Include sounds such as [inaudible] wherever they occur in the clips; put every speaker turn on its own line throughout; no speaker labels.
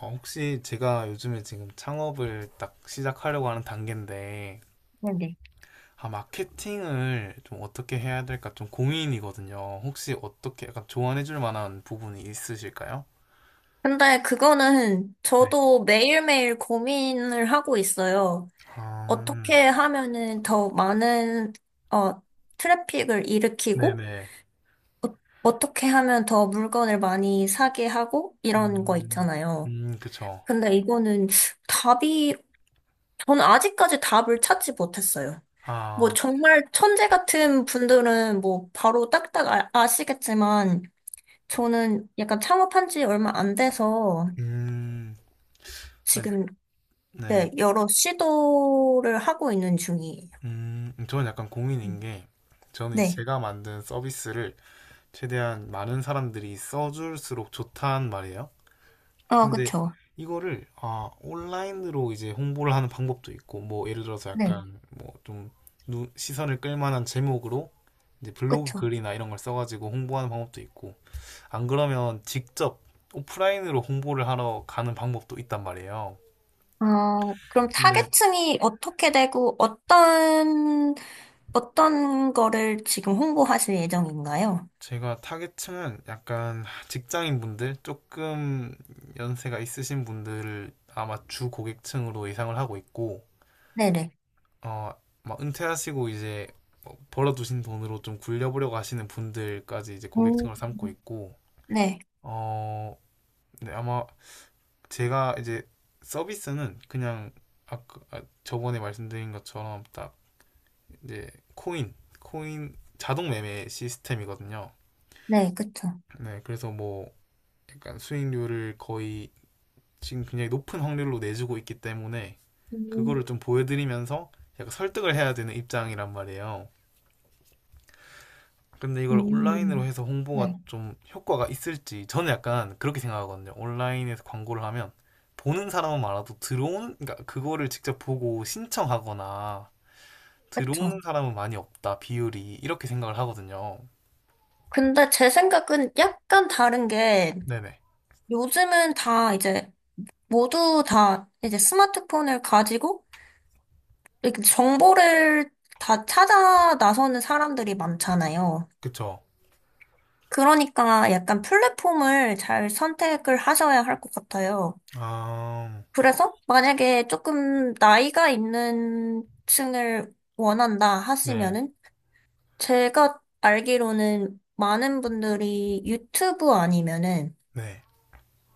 혹시 제가 요즘에 지금 창업을 딱 시작하려고 하는 단계인데,
네네.
마케팅을 좀 어떻게 해야 될까 좀 고민이거든요. 혹시 어떻게 약간 조언해 줄 만한 부분이 있으실까요?
근데 그거는
네.
저도 매일매일 고민을 하고 있어요.
아,
어떻게 하면은 더 많은, 어, 트래픽을 일으키고,
네네.
어, 어떻게 하면 더 물건을 많이 사게 하고, 이런 거
음,
있잖아요.
그쵸.
근데 이거는 답이, 저는 아직까지 답을 찾지 못했어요. 뭐
아,
정말 천재 같은 분들은 뭐 바로 딱딱 아시겠지만, 저는 약간 창업한 지 얼마 안 돼서,
음, 아,
지금
네.
네, 여러 시도를 하고 있는 중이에요.
저는 약간
음.
고민인 게, 저는 이제
네.
제가 만든 서비스를 최대한 많은 사람들이 써줄수록 좋단 말이에요.
어,
근데
그쵸.
이거를 온라인으로 이제 홍보를 하는 방법도 있고 뭐 예를 들어서
네,
약간 뭐좀 시선을 끌만한 제목으로 이제 블로그
그쵸.
글이나 이런 걸 써가지고 홍보하는 방법도 있고 안 그러면 직접 오프라인으로 홍보를 하러 가는 방법도 있단 말이에요.
어, 그럼
근데
타겟층이 어떻게 되고 어떤, 어떤 거를 지금 홍보하실 예정인가요?
제가 타겟층은 약간 직장인 분들 조금 연세가 있으신 분들을 아마 주 고객층으로 예상을 하고 있고
네네.
어, 막 은퇴하시고 이제 뭐 벌어두신 돈으로 좀 굴려보려고 하시는 분들까지 이제
음,
고객층을 삼고 있고,
네,
어, 네, 아마 제가 이제 서비스는 그냥 아까 저번에 말씀드린 것처럼 딱 이제 코인, 코인 자동 매매 시스템이거든요.
네, 그쵸.
네, 그래서 뭐 약간 수익률을 거의 지금 굉장히 높은 확률로 내주고 있기 때문에
음,
그거를 좀 보여드리면서 약간 설득을 해야 되는 입장이란 말이에요. 근데 이걸 온라인으로
음.
해서 홍보가
네,
좀 효과가 있을지 저는 약간 그렇게 생각하거든요. 온라인에서 광고를 하면 보는 사람은 많아도 들어오는 그러니까 그거를 직접 보고 신청하거나 들어오는
그쵸.
사람은 많이 없다 비율이 이렇게 생각을 하거든요.
근데 제 생각은 약간 다른 게
네네
요즘은 다 이제 모두 다 이제 스마트폰을 가지고 이렇게 정보를 다 찾아 나서는 사람들이 많잖아요.
그쵸.
그러니까 약간 플랫폼을 잘 선택을 하셔야 할 것 같아요.
아
그래서 만약에 조금 나이가 있는 층을 원한다
네.
하시면은 제가 알기로는 많은 분들이 유튜브 아니면은
네.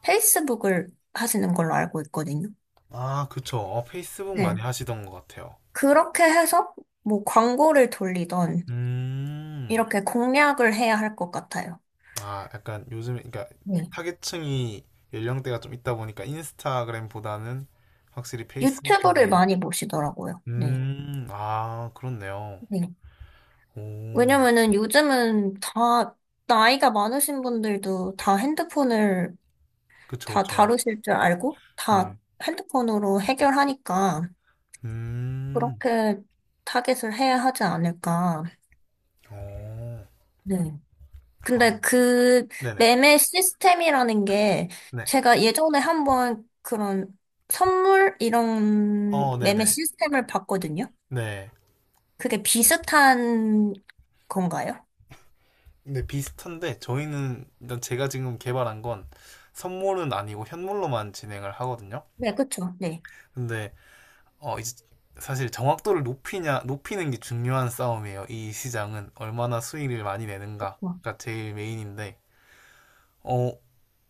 페이스북을 하시는 걸로 알고 있거든요.
아 그쵸. 페이스북 많이
네.
하시던 것 같아요.
그렇게 해서 뭐 광고를 돌리던
음.
이렇게 공략을 해야 할 것 같아요.
약간 요즘에, 그러니까
네,
타겟층이 연령대가 좀 있다 보니까 인스타그램보다는 확실히 페이스북
유튜브를
쪽이.
많이 보시더라고요. 네.
아, 그렇네요.
네.
오,
왜냐면은 요즘은 다, 나이가 많으신 분들도 다 핸드폰을
그쵸,
다
그쵸.
다루실 줄 알고 다
네.
핸드폰으로 해결하니까
음,
그렇게 타겟을 해야 하지 않을까.
오,
네.
아,
근데 그
네네.
매매 시스템이라는 게
네.
제가 예전에 한번 그런 선물 이런
어, 네네.
매매 시스템을 봤거든요.
네.
그게 비슷한 건가요?
네, 비슷한데, 저희는, 일단 제가 지금 개발한 건 선물은 아니고 현물로만 진행을 하거든요.
네, 그쵸. 네.
근데 이제 사실 정확도를 높이는 게 중요한 싸움이에요. 이 시장은 얼마나 수익을 많이
와.
내는가가 제일 메인인데, 어,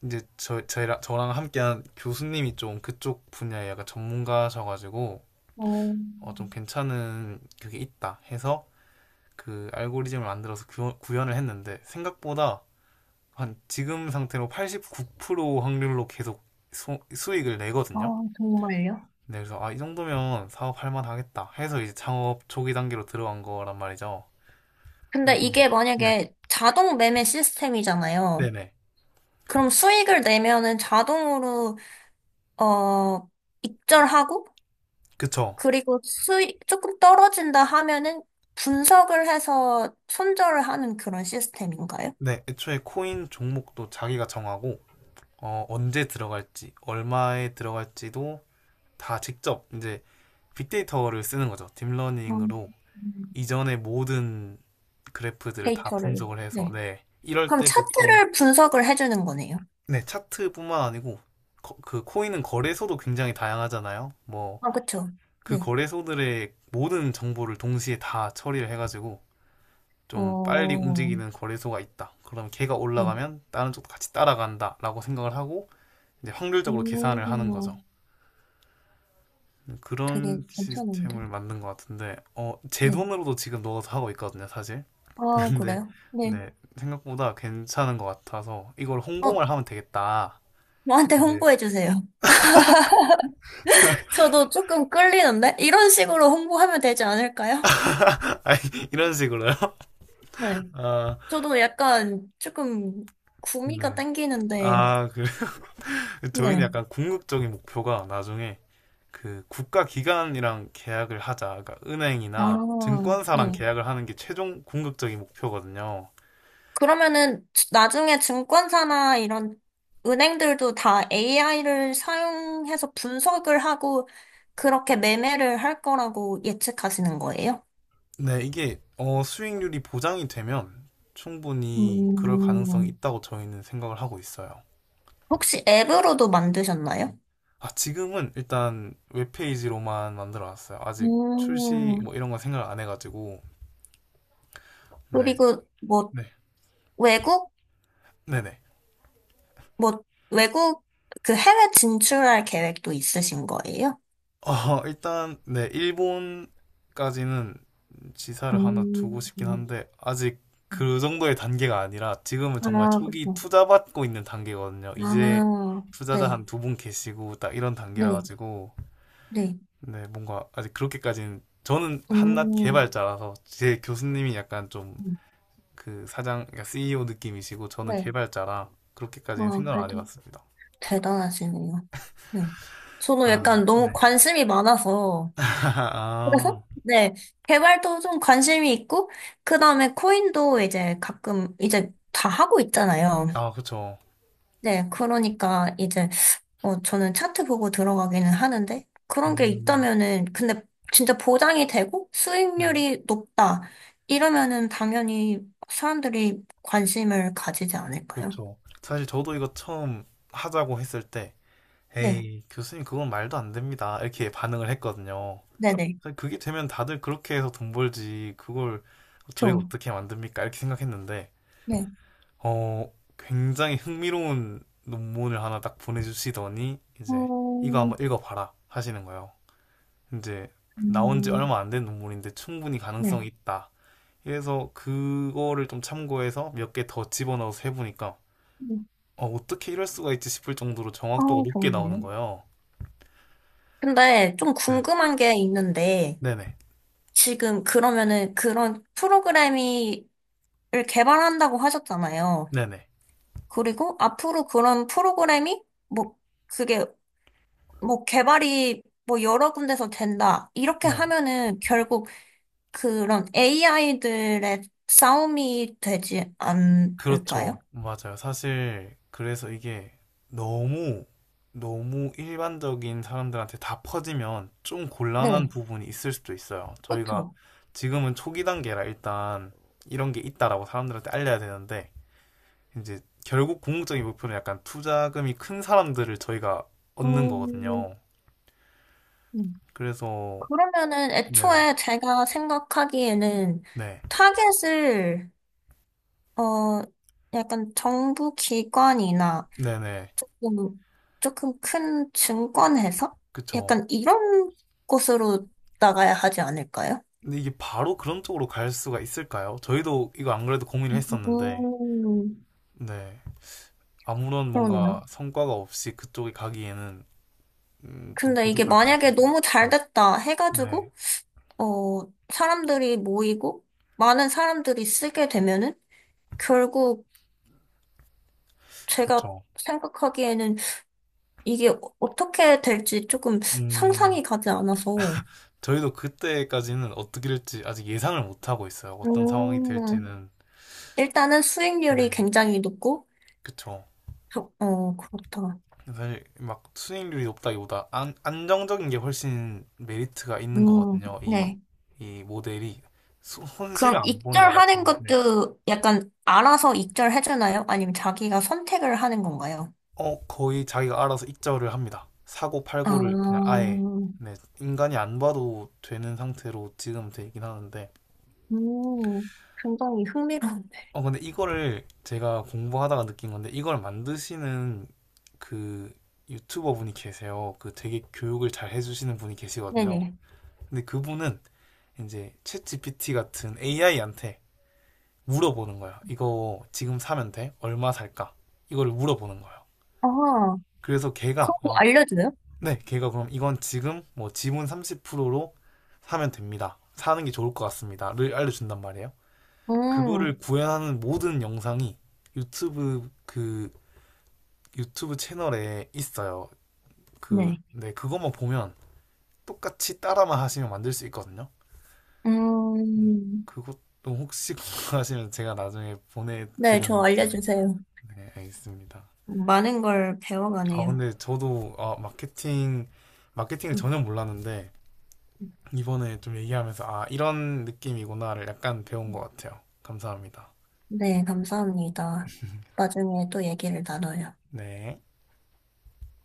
이제 저랑 함께한 교수님이 좀 그쪽 분야에 약간 전문가셔가지고,
어,
좀 괜찮은 그게 있다 해서 그 알고리즘을 만들어서 구현을 했는데, 생각보다 한 지금 상태로 89% 확률로 계속 수익을
아,
내거든요.
정말요?
네, 그래서 이 정도면 사업할 만하겠다 해서 이제 창업 초기 단계로 들어간 거란 말이죠.
근데
그래서
이게
네,
만약에 자동 매매 시스템이잖아요.
네네,
그럼 수익을 내면은 자동으로, 어, 입절하고,
그쵸.
그리고 수익 조금 떨어진다 하면은 분석을 해서 손절을 하는 그런 시스템인가요?
네, 애초에 코인 종목도 자기가 정하고 언제 들어갈지, 얼마에 들어갈지도 다 직접 이제 빅데이터를 쓰는 거죠.
음,
딥러닝으로 이전의 모든 그래프들을 다
데이터를.
분석을 해서
네.
네, 이럴
그럼
때 보통
차트를 분석을 해주는 거네요.
네, 차트뿐만 아니고 그 코인은 거래소도 굉장히 다양하잖아요. 뭐
아, 그쵸.
그
네.
거래소들의 모든 정보를 동시에 다 처리를 해가지고 좀 빨리
어,
움직이는 거래소가 있다. 그럼 걔가
네.
올라가면 다른 쪽도 같이 따라간다라고 생각을 하고 이제
음,
확률적으로 계산을 하는 거죠.
되게
그런
괜찮은데?
시스템을 만든 것 같은데 제
네.
돈으로도 지금 넣어서 하고 있거든요, 사실.
어,
[laughs] 근데
그래요? 네.
네, 생각보다 괜찮은 것 같아서 이걸
어,
홍보만 하면 되겠다.
저한테
네.
홍보해 주세요. [laughs] 저도 조금 끌리는데? 이런 식으로 홍보하면 되지 않을까요?
[laughs] 아니, 이런 식으로요. [laughs]
네.
아,
저도 약간 조금 구미가
네.
땡기는데,
아, 그 [laughs] 저희는
네.
약간 궁극적인 목표가 나중에 그 국가 기관이랑 계약을 하자. 그러니까 은행이나
아,
증권사랑
네.
계약을 하는 게 최종 궁극적인 목표거든요.
그러면은 나중에 증권사나 이런 은행들도 다 AI를 사용해서 분석을 하고 그렇게 매매를 할 거라고 예측하시는 거예요?
네, 이게 수익률이 보장이 되면 충분히 그럴 가능성이
음,
있다고 저희는 생각을 하고 있어요.
혹시 앱으로도 만드셨나요?
아, 지금은 일단 웹페이지로만 만들어 놨어요. 아직 출시
음,
뭐 이런 건 생각 안 해가지고. 네,
그리고 뭐
네,
외국
네네.
뭐 외국 그 해외 진출할 계획도 있으신 거예요?
일단, 네, 일본까지는 지사를 하나
음,
두고 싶긴
음.
한데 아직 그 정도의 단계가 아니라 지금은 정말
아,
초기
그렇죠.
투자 받고 있는 단계거든요. 이제
아,
투자자
네,
한 두 분 계시고 딱 이런 단계라
네,
가지고
네.
네 뭔가 아직 그렇게까지는 저는 한낱
음,
개발자라서 제 교수님이 약간 좀
음.
그 사장 그러니까 CEO 느낌이시고 저는
네.
개발자라 그렇게까지는
와,
생각을 안
그래도
해봤습니다.
대단하시네요. 네. 저는
아,
약간 너무
네.
관심이 많아서,
[laughs]
그래서?
아,
네. 개발도 좀 관심이 있고, 그 다음에 코인도 이제 가끔, 이제 다 하고 있잖아요.
아, 그쵸.
네, 그러니까 이제 저는 차트 보고 들어가기는 하는데 그런 게
음,
있다면은 근데 진짜 보장이 되고
네,
수익률이 높다 이러면은 당연히 사람들이 관심을 가지지 않을까요?
그쵸. 사실 저도 이거 처음 하자고 했을 때
네,
에이, 교수님 그건 말도 안 됩니다. 이렇게 반응을 했거든요.
네네,
그러니까 그게 되면 다들 그렇게 해서 돈 벌지. 그걸 저희가
저,
어떻게 만듭니까? 이렇게 생각했는데,
네,
어, 굉장히 흥미로운 논문을 하나 딱 보내주시더니, 이제 이거
어,
한번 읽어봐라 하시는 거예요. 이제 나온 지
음,
얼마 안 된 논문인데 충분히
네,
가능성이 있다. 그래서 그거를 좀 참고해서 몇 개 더 집어넣어서 해보니까, 어떻게 이럴 수가 있지 싶을 정도로
아,
정확도가 높게 나오는
좋은데요?
거예요.
근데 좀
네.
궁금한 게 있는데
네네.
지금 그러면은 그런 프로그램이 를 개발한다고 하셨잖아요.
네네.
그리고 앞으로 그런 프로그램이 뭐 그게 뭐 개발이 뭐 여러 군데서 된다. 이렇게
네.
하면은 결국 그런 AI들의 싸움이 되지 않을까요?
그렇죠. 맞아요. 사실 그래서 이게 너무 너무 일반적인 사람들한테 다 퍼지면 좀 곤란한
네,
부분이 있을 수도 있어요. 저희가
그렇죠.
지금은 초기 단계라 일단 이런 게 있다라고 사람들한테 알려야 되는데 이제 결국 궁극적인 목표는 약간 투자금이 큰 사람들을 저희가 얻는
음,
거거든요.
음.
그래서
그러면은
네네.
애초에 제가 생각하기에는
네.
타겟을 어 약간 정부 기관이나
네네.
뭐, 조금 큰 증권회사?
그쵸.
약간 이런 곳으로 나가야 하지 않을까요?
근데 이게 바로 그런 쪽으로 갈 수가 있을까요? 저희도 이거 안 그래도 고민을 했었는데
음,
네. 아무런
그러네요.
뭔가 성과가 없이 그쪽에 가기에는 좀
근데 이게
부족할 것
만약에
같아서.
너무 잘
네.
됐다
네.
해가지고, 어, 사람들이 모이고, 많은 사람들이 쓰게 되면은, 결국 제가
그렇죠.
생각하기에는 이게 어떻게 될지 조금
음,
상상이 가지 않아서,
저희도 그때까지는 어떻게 될지 아직 예상을 못 하고 있어요. 어떤 상황이
음,
될지는.
일단은 수익률이
네.
굉장히 높고,
그쵸.
저- 어, 그렇다.
사실 막 수익률이 높다기보다 안, 안정적인 게 훨씬 메리트가 있는
음,
거거든요. 이,
네.
이 모델이. 손실을
그럼
안 보냐가
익절하는
되게, 네.
것도 약간 알아서 익절해주나요? 아니면 자기가 선택을 하는 건가요?
거의 자기가 알아서 익절을 합니다. 사고
아,
팔고를 그냥 아예 네, 인간이 안 봐도 되는 상태로 지금 되긴 하는데
음, 굉장히 흥미로운데.
근데 이거를 제가 공부하다가 느낀 건데 이걸 만드시는 그 유튜버 분이 계세요. 그 되게 교육을 잘 해주시는 분이
[laughs]
계시거든요.
네네.
근데 그분은 이제 챗 GPT 같은 AI한테 물어보는 거야. 이거 지금 사면 돼? 얼마 살까? 이거를 물어보는 거예요.
아,
그래서
그런 거 알려줘요?
네, 걔가 그럼 이건 지금 뭐 지분 30%로 사면 됩니다. 사는 게 좋을 것 같습니다.를 알려준단 말이에요.
음,
그거를 구현하는 모든 영상이 유튜브 그 유튜브 채널에 있어요. 그,
네.
네, 그것만 보면 똑같이 따라만 하시면 만들 수 있거든요.
음,
그것도 혹시 [laughs] 궁금하시면 제가 나중에
네,
보내드려
저
놓을게요.
알려주세요.
네, 알겠습니다.
많은 걸 배워가네요.
근데 저도 마케팅을
음,
전혀 몰랐는데 이번에 좀 얘기하면서 아 이런 느낌이구나를 약간 배운 것 같아요. 감사합니다.
네, 감사합니다. 나중에 또 얘기를 나눠요.
네.